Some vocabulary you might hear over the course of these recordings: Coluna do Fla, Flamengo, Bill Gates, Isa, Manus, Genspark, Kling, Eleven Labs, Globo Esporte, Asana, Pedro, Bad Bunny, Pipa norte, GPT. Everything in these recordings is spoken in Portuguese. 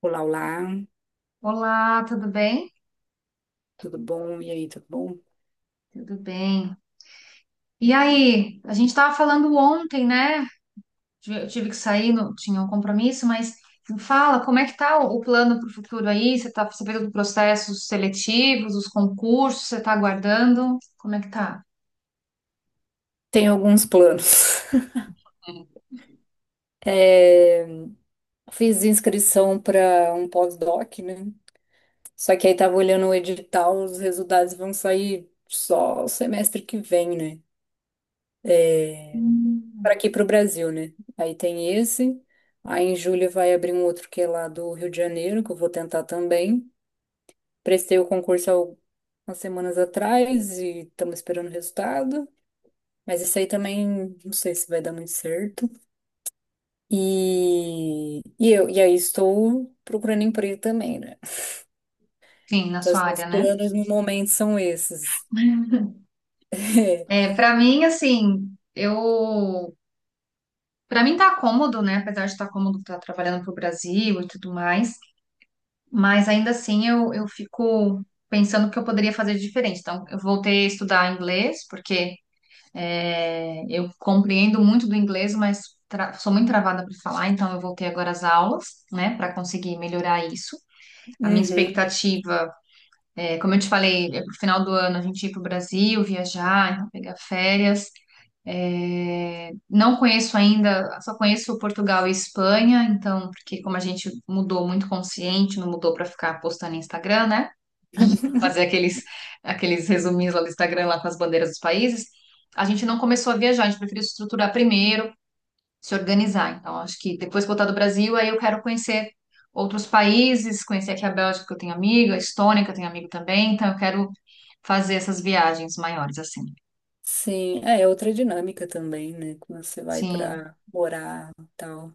Olá, olá, Olá, tudo bem? tudo bom? E aí, tudo bom? Tudo bem. E aí, a gente estava falando ontem, né? Eu tive que sair, tinha um compromisso, mas me fala, como é que tá o plano para o futuro aí? Você está sabendo dos processos seletivos, dos concursos, você está aguardando? Como é que tá? Tenho alguns planos. É, fiz inscrição para um pós-doc, né? Só que aí tava olhando o edital, os resultados vão sair só o semestre que vem, né? É, para Hum. aqui para o Brasil, né? Aí tem esse. Aí em julho vai abrir um outro que é lá do Rio de Janeiro, que eu vou tentar também. Prestei o concurso há umas semanas atrás e estamos esperando o resultado. Mas isso aí também não sei se vai dar muito certo. E aí estou procurando emprego também, né? Sim, na Então, sua assim, os área, né? planos no momento são esses. É, para mim, assim, eu, para mim tá cômodo, né? Apesar de estar cômodo, estar trabalhando para o Brasil e tudo mais. Mas ainda assim eu fico pensando o que eu poderia fazer de diferente. Então, eu voltei a estudar inglês, porque eu compreendo muito do inglês, mas sou muito travada para falar, então eu voltei agora às aulas, né, para conseguir melhorar isso. É. A minha Uhum. expectativa, é, como eu te falei, é pro final do ano a gente ir para o Brasil, viajar, então pegar férias. É, não conheço ainda, só conheço Portugal e Espanha, então, porque como a gente mudou muito consciente, não mudou para ficar postando no Instagram, né? Fazer aqueles, aqueles resuminhos lá do Instagram, lá com as bandeiras dos países, a gente não começou a viajar, a gente preferiu se estruturar primeiro, se organizar. Então, acho que depois que voltar do Brasil, aí eu quero conhecer outros países, conhecer aqui a Bélgica, que eu tenho amiga, a Estônia, que eu tenho amigo também, então eu quero fazer essas viagens maiores, assim. Sim, é outra dinâmica também, né? Quando você vai Sim, pra morar e tal.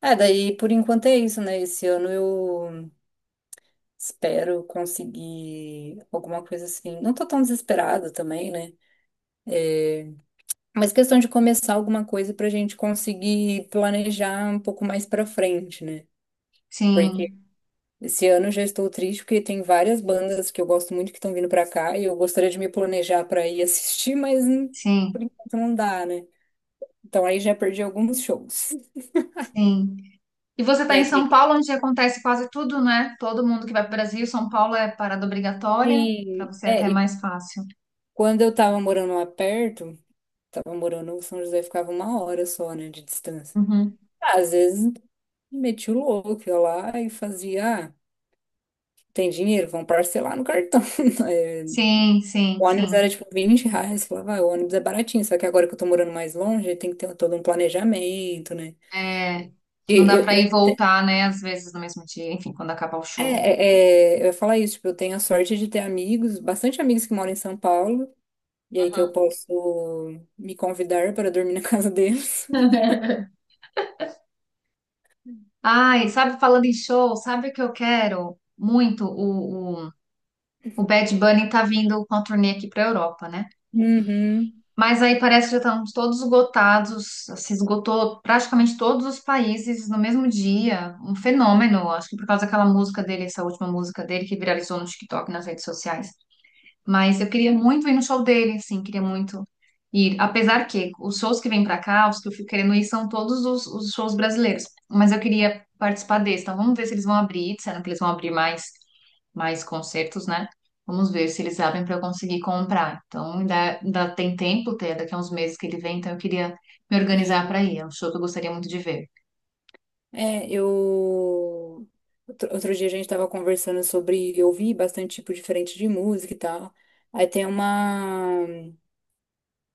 É, daí por enquanto é isso, né? Esse ano eu espero conseguir alguma coisa assim. Não tô tão desesperada também, né? Mas questão de começar alguma coisa pra gente conseguir planejar um pouco mais pra frente, né? Porque sim, esse ano eu já estou triste porque tem várias bandas que eu gosto muito que estão vindo pra cá e eu gostaria de me planejar pra ir assistir, mas sim. por enquanto não dá, né? Então aí já perdi alguns shows. Sim. E você está E em aqui, São aqui Paulo, onde acontece quase tudo, né? Todo mundo que vai para o Brasil, São Paulo é parada obrigatória, para sim, você é até mais fácil. quando eu tava morando lá perto, tava morando, o São José ficava uma hora só, né, de distância. Uhum. Ah, às vezes meti o louco ia lá e fazia, ah, tem dinheiro, vão parcelar no cartão. Sim, sim, O ônibus sim. era tipo 20 reais, eu falava, "Ah, o ônibus é baratinho", só que agora que eu tô morando mais longe, tem que ter todo um planejamento, né? É, E, não dá eu, para eu- ir e voltar, né? Às vezes no mesmo dia, enfim, quando acabar o show. Eu ia falar isso, tipo, eu tenho a sorte de ter amigos, bastante amigos que moram em São Paulo, e aí que eu Uhum. posso me convidar para dormir na casa deles. Ai, sabe, falando em show, sabe o que eu quero muito? O Bad Bunny tá vindo com a turnê aqui para Europa, né? Uhum, Mas aí parece que já estamos todos esgotados, se esgotou praticamente todos os países no mesmo dia. Um fenômeno, acho que por causa daquela música dele, essa última música dele que viralizou no TikTok, nas redes sociais. Mas eu queria muito ir no show dele, assim, queria muito ir. Apesar que os shows que vêm pra cá, os que eu fico querendo ir, são todos os shows brasileiros. Mas eu queria participar desse. Então vamos ver se eles vão abrir, disseram que eles vão abrir mais concertos, né? Vamos ver se eles abrem para eu conseguir comprar. Então ainda tem tempo, até daqui a uns meses que ele vem, então eu queria me organizar sim. para ir. É um show que eu gostaria muito de ver. É, eu. Outro dia a gente tava conversando sobre ouvir bastante tipo diferente de música e tal. Aí tem uma.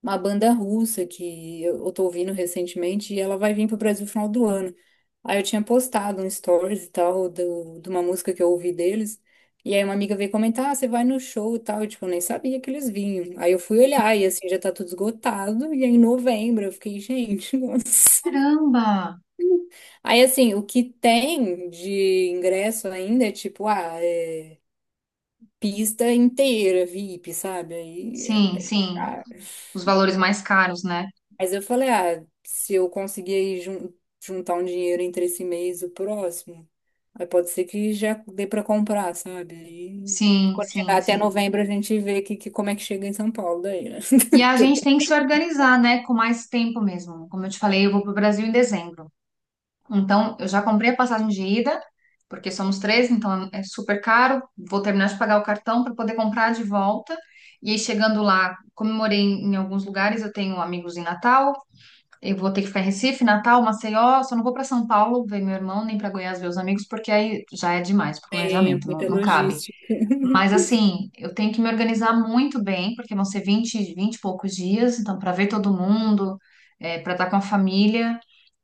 Uma banda russa que eu tô ouvindo recentemente e ela vai vir pro Brasil no final do ano. Aí eu tinha postado um stories e tal do, de uma música que eu ouvi deles. E aí uma amiga veio comentar, ah, você vai no show e tal. Eu, tipo, nem sabia que eles vinham. Aí eu fui olhar e, assim, já tá tudo esgotado. E aí em novembro eu fiquei, gente, nossa. Caramba! Aí, assim, o que tem de ingresso ainda é, tipo, ah, é, pista inteira, VIP, sabe? Aí é Sim, bem sim. caro. Os valores mais caros, né? Mas eu falei, ah, se eu conseguir jun- juntar um dinheiro entre esse mês e o próximo, aí pode ser que já dê para comprar, sabe? Aí, Sim, quando chegar sim, até sim. novembro, a gente vê como é que chega em São Paulo daí, né? E a Porque gente tem que se organizar, né, com mais tempo mesmo. Como eu te falei, eu vou para o Brasil em dezembro. Então, eu já comprei a passagem de ida, porque somos três, então é super caro. Vou terminar de pagar o cartão para poder comprar de volta. E aí, chegando lá, comemorei em alguns lugares. Eu tenho amigos em Natal, eu vou ter que ficar em Recife, Natal, Maceió. Só não vou para São Paulo ver meu irmão, nem para Goiás ver os amigos, porque aí já é demais para o tem é, planejamento, muita não cabe. logística. Mas assim, eu tenho que me organizar muito bem, porque vão ser 20 e poucos dias, então para ver todo mundo, para estar com a família.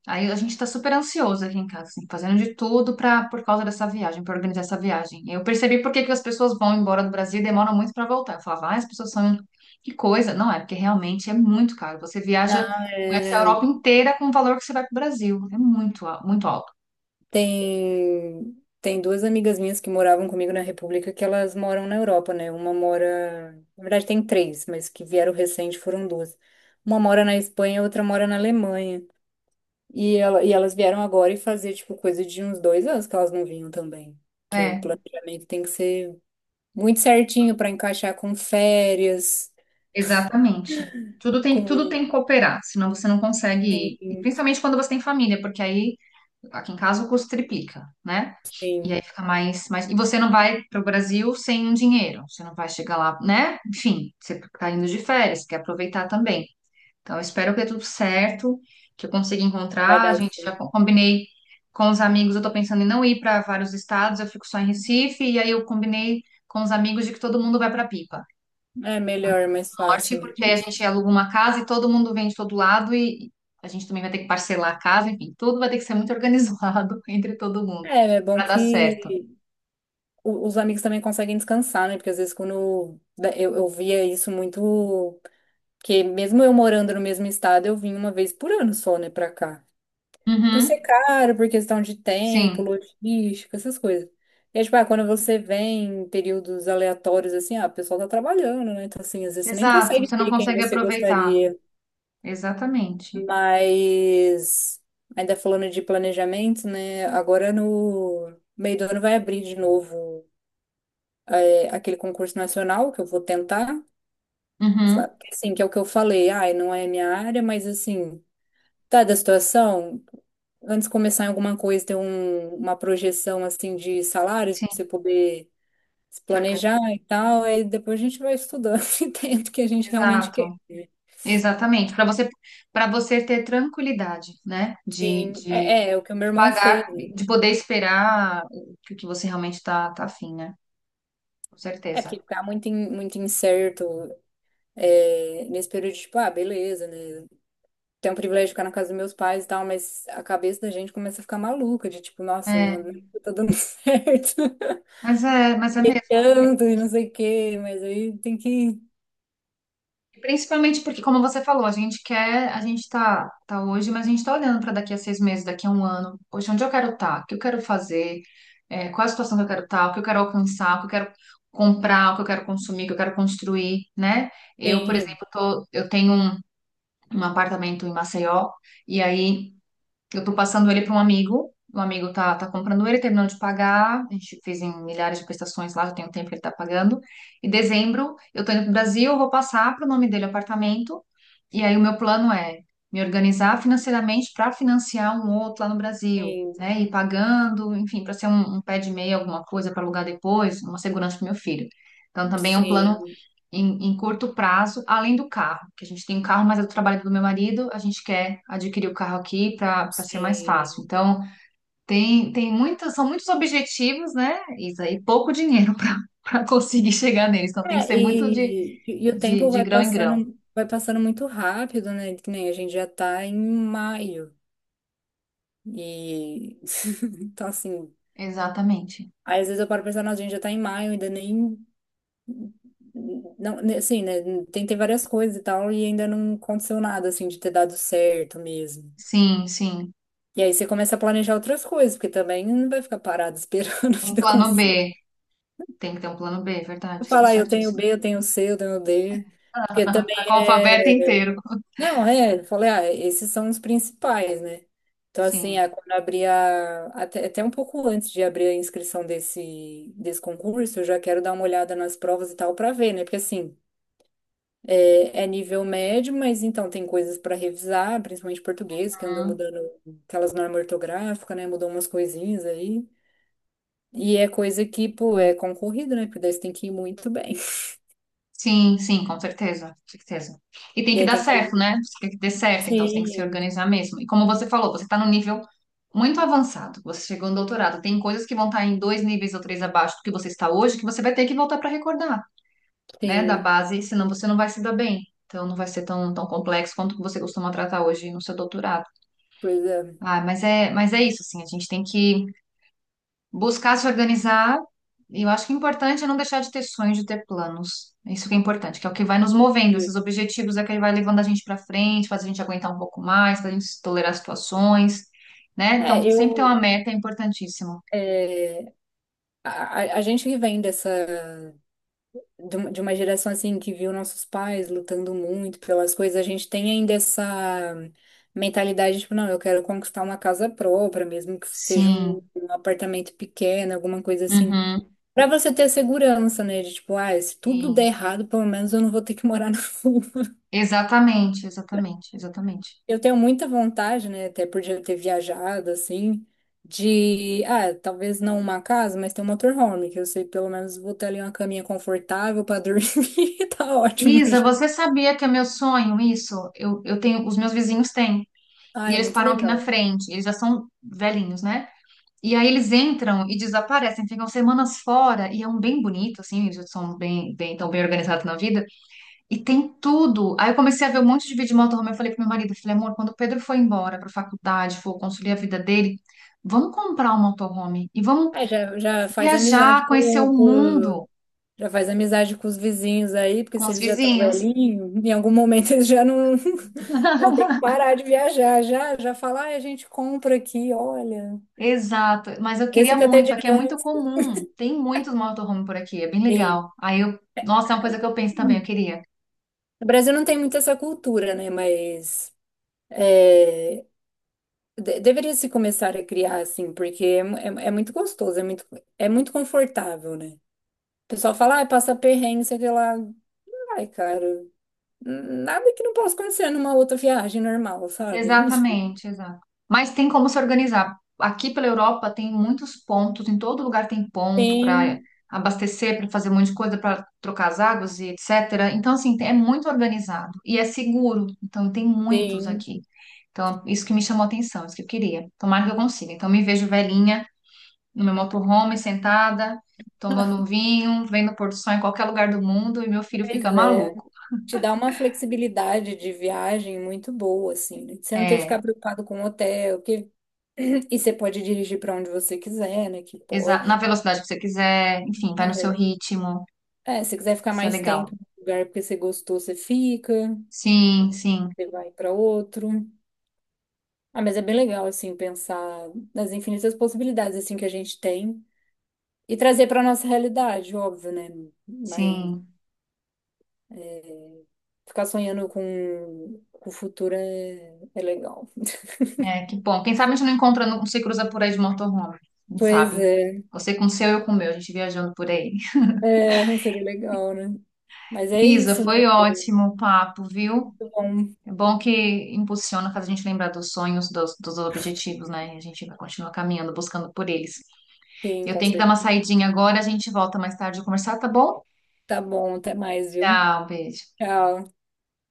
Aí a gente está super ansioso aqui em casa, assim, fazendo de tudo para por causa dessa viagem, para organizar essa viagem. Eu percebi por que que as pessoas vão embora do Brasil e demoram muito para voltar. Eu falava, ah, as pessoas são que coisa. Não é, porque realmente é muito caro. Você viaja, Não, conhece a é, Europa inteira com o valor que você vai para o Brasil. É muito, muito alto. tem, tem duas amigas minhas que moravam comigo na República que elas moram na Europa, né? Uma mora, na verdade tem três, mas que vieram recente foram duas. Uma mora na Espanha, outra mora na Alemanha. E elas vieram agora e fazer, tipo, coisa de uns dois anos que elas não vinham também. Porque o É. planejamento tem que ser muito certinho para encaixar com férias, Exatamente. Com. Tudo tem que cooperar, senão você não consegue, Sim, e principalmente quando você tem família, porque aí, aqui em casa, o custo triplica, né? E sim. aí fica mais. E você não vai para o Brasil sem um dinheiro, você não vai chegar lá, né? Enfim, você está indo de férias, quer aproveitar também. Então, eu espero que dê tudo certo, que eu consiga Vai encontrar. A dar gente já assim. Combinei com os amigos, eu estou pensando em não ir para vários estados, eu fico só em Recife, e aí eu combinei com os amigos de que todo mundo vai para Pipa É melhor, mais norte, fácil, porque né? a gente aluga uma casa e todo mundo vem de todo lado e a gente também vai ter que parcelar a casa, enfim, tudo vai ter que ser muito organizado entre todo mundo É, é bom para dar certo. que os amigos também conseguem descansar, né? Porque às vezes eu via isso muito. Porque mesmo eu morando no mesmo estado, eu vim uma vez por ano só, né, pra cá. Por ser Uhum, caro, por questão de tempo, sim, logística, essas coisas. E é tipo, ah, quando você vem em períodos aleatórios, assim, ah, o pessoal tá trabalhando, né? Então, assim, às vezes você nem exato. consegue Você não ver quem consegue você aproveitar. gostaria. Exatamente. Mas, ainda falando de planejamento, né? Agora no meio do ano vai abrir de novo aquele concurso nacional que eu vou tentar. Uhum, Sabe? Assim, que é o que eu falei, ai, não é minha área, mas assim, tá da situação. Antes de começar em alguma coisa, ter uma projeção assim de salários sim, para você poder se te planejar organiza. e tal, aí depois a gente vai estudando e tendo o que a gente realmente quer. Exato. Exatamente. Para você ter tranquilidade, né? Sim, é, é o que o meu De irmão fez, pagar, né? de poder esperar o que você realmente tá, tá afim, né? Com É porque certeza. ficar muito incerto nesse período de, tipo, ah, beleza, né? Tem o privilégio de ficar na casa dos meus pais e tal, mas a cabeça da gente começa a ficar maluca, de tipo, nossa, não, É, não tá dando certo. mas é, mas é E mesmo. É tanto e não sei o quê, mas aí tem que. Principalmente porque, como você falou, a gente quer, a gente tá, tá hoje, mas a gente tá olhando para daqui a 6 meses, daqui a 1 ano. Poxa, onde eu quero estar? O que eu quero fazer? É, qual a situação que eu quero estar? O que eu quero alcançar? O que eu quero comprar? O que eu quero consumir? O que eu quero construir, né? Eu, por Sim, exemplo, tô, um apartamento em Maceió e aí eu tô passando ele para um amigo. O amigo tá comprando ele, terminou de pagar. A gente fez em milhares de prestações lá, já tem um tempo que ele tá pagando. Em dezembro, eu tô indo pro Brasil, vou passar pro nome dele o apartamento. E aí o meu plano é me organizar financeiramente para financiar um outro lá no Brasil, tem, né? Ir pagando, enfim, para ser um pé de meia, alguma coisa para alugar depois, uma segurança pro meu filho. Então também é um plano sim. em, em curto prazo, além do carro, que a gente tem um carro, mas é do trabalho do meu marido, a gente quer adquirir o carro aqui para ser mais fácil. Sim. Então, tem muitas, são muitos objetivos, né, Isa, e pouco dinheiro para para conseguir chegar neles. Então, tem que É, ser muito e o tempo de grão em grão. Vai passando muito rápido, né? Que nem a gente já tá em maio. E então assim, Exatamente. aí às vezes eu paro pensando, nossa, a gente já tá em maio, ainda nem não, né, assim, né? Tentei várias coisas e tal, e ainda não aconteceu nada assim de ter dado certo mesmo. Sim, sim. E aí você começa a planejar outras coisas, porque também não vai ficar parado esperando a Um vida plano acontecer. B. Tem que ter um plano B, é verdade, está Falar, eu tenho certíssimo. B, eu tenho C, eu tenho D. Porque também. Tá com o alfabeto É inteiro. Não, é, eu falei, ah, esses são os principais, né? Então, assim, Sim. ah, quando abrir até, até um pouco antes de abrir a inscrição desse concurso, eu já quero dar uma olhada nas provas e tal para ver, né? Porque, assim, é nível médio, mas então tem coisas para revisar, principalmente português, que andou mudando aquelas normas ortográficas, né? Mudou umas coisinhas aí. E é coisa que, pô, é concorrida, né? Porque daí você tem que ir muito bem. Sim, sim, com certeza, com certeza. E tem E que aí dar tem que certo, fazer. né? Tem que dar certo, então você tem que se Sim, organizar mesmo. E como você falou, você está no nível muito avançado. Você chegou no doutorado. Tem coisas que vão estar em dois níveis ou três abaixo do que você está hoje, que você vai ter que voltar para recordar, né? Da sim, base, senão você não vai se dar bem. Então não vai ser tão complexo quanto que você costuma tratar hoje no seu doutorado. pois é. Ah, mas é isso, assim, a gente tem que buscar se organizar. E eu acho que o importante é não deixar de ter sonhos, de ter planos. Isso que é importante, que é o que vai nos movendo. Esses objetivos é que vai levando a gente para frente, faz a gente aguentar um pouco mais, faz a gente tolerar situações, né? Então, É, sempre ter uma eu. meta é importantíssimo. é, A, a gente que vem dessa, de uma geração assim que viu nossos pais lutando muito pelas coisas, a gente tem ainda essa mentalidade, tipo, não, eu quero conquistar uma casa própria, mesmo que seja Sim. um apartamento pequeno, alguma coisa assim. Uhum. Pra você ter a segurança, né? De tipo, ah, se tudo der Sim. errado, pelo menos eu não vou ter que morar na rua. Exatamente, exatamente, exatamente. Eu tenho muita vontade, né, até por já ter viajado, assim, de, ah, talvez não uma casa, mas ter um motorhome, que eu sei pelo menos vou ter ali uma caminha confortável pra dormir, tá ótimo Isa, já. você sabia que é meu sonho isso? Eu tenho, os meus vizinhos têm. Ah, E é eles muito param aqui na legal. frente. Eles já são velhinhos, né? E aí eles entram e desaparecem, ficam semanas fora, e é um bem bonito, assim, eles são tão bem organizados na vida, e tem tudo. Aí eu comecei a ver um monte de vídeo de motorhome, eu falei pro meu marido, eu falei, amor, quando o Pedro for embora pra faculdade, for construir a vida dele, vamos comprar um motorhome e vamos É, já faz amizade viajar, conhecer o com- mundo já faz amizade com os vizinhos aí, porque com se os eles já estão vizinhos. velhinhos, em algum momento eles já não vão ter que parar de viajar, já falar, ah, a gente compra aqui, olha. Exato, mas eu queria Esse que até muito, de aqui é muito comum, tem muitos motorhome por aqui, é bem Sim. legal. Aí eu, nossa, é uma coisa que eu penso também, eu queria. No Brasil não tem muito essa cultura, né? Mas é, deveria se começar a criar assim, porque é, é muito gostoso, é muito confortável, né? O pessoal fala, ah, passa perrengue, sei que lá. Ai, cara, nada que não possa acontecer numa outra viagem normal, sabe? Exatamente, exato. Mas tem como se organizar. Aqui pela Europa tem muitos pontos, em todo lugar tem ponto para Sim, abastecer, para fazer um monte de coisa, para trocar as águas e etc. Então, assim, é muito organizado e é seguro. Então, tem muitos sim. aqui. Então, isso que me chamou a atenção, isso que eu queria. Tomara que eu consiga. Então, me vejo velhinha no meu motorhome, sentada, tomando um vinho, vendo o pôr do sol em qualquer lugar do mundo e meu filho fica Pois é. maluco. Te dá uma flexibilidade de viagem muito boa, assim, né? Você não tem que É, ficar preocupado com o hotel, que... e você pode dirigir para onde você quiser, né? Que na pode, velocidade que você quiser, enfim, vai no seu né? ritmo. É, se quiser ficar Isso é mais tempo legal. no lugar porque você gostou, você fica, Sim, sim, você vai para outro. Ah, mas é bem legal, assim, pensar nas infinitas possibilidades, assim, que a gente tem e trazer para nossa realidade, óbvio, né? Mas sim. ficar sonhando com o futuro é legal. É, que bom. Quem sabe a gente não encontra, não se cruza por aí de motorhome. Quem Pois sabe? é, Você com o seu, eu com o meu. A gente viajando por aí. é, não seria legal, né? Mas é Isa, isso, né? foi ótimo o papo, viu? Muito bom, É bom que impulsiona, faz a gente lembrar dos sonhos, dos objetivos, né? E a gente vai continuar caminhando, buscando por eles. sim, Eu com tenho que dar uma certeza. saidinha agora, a gente volta mais tarde a conversar, tá bom? Tá bom, até mais, viu? Tchau, beijo. Tchau.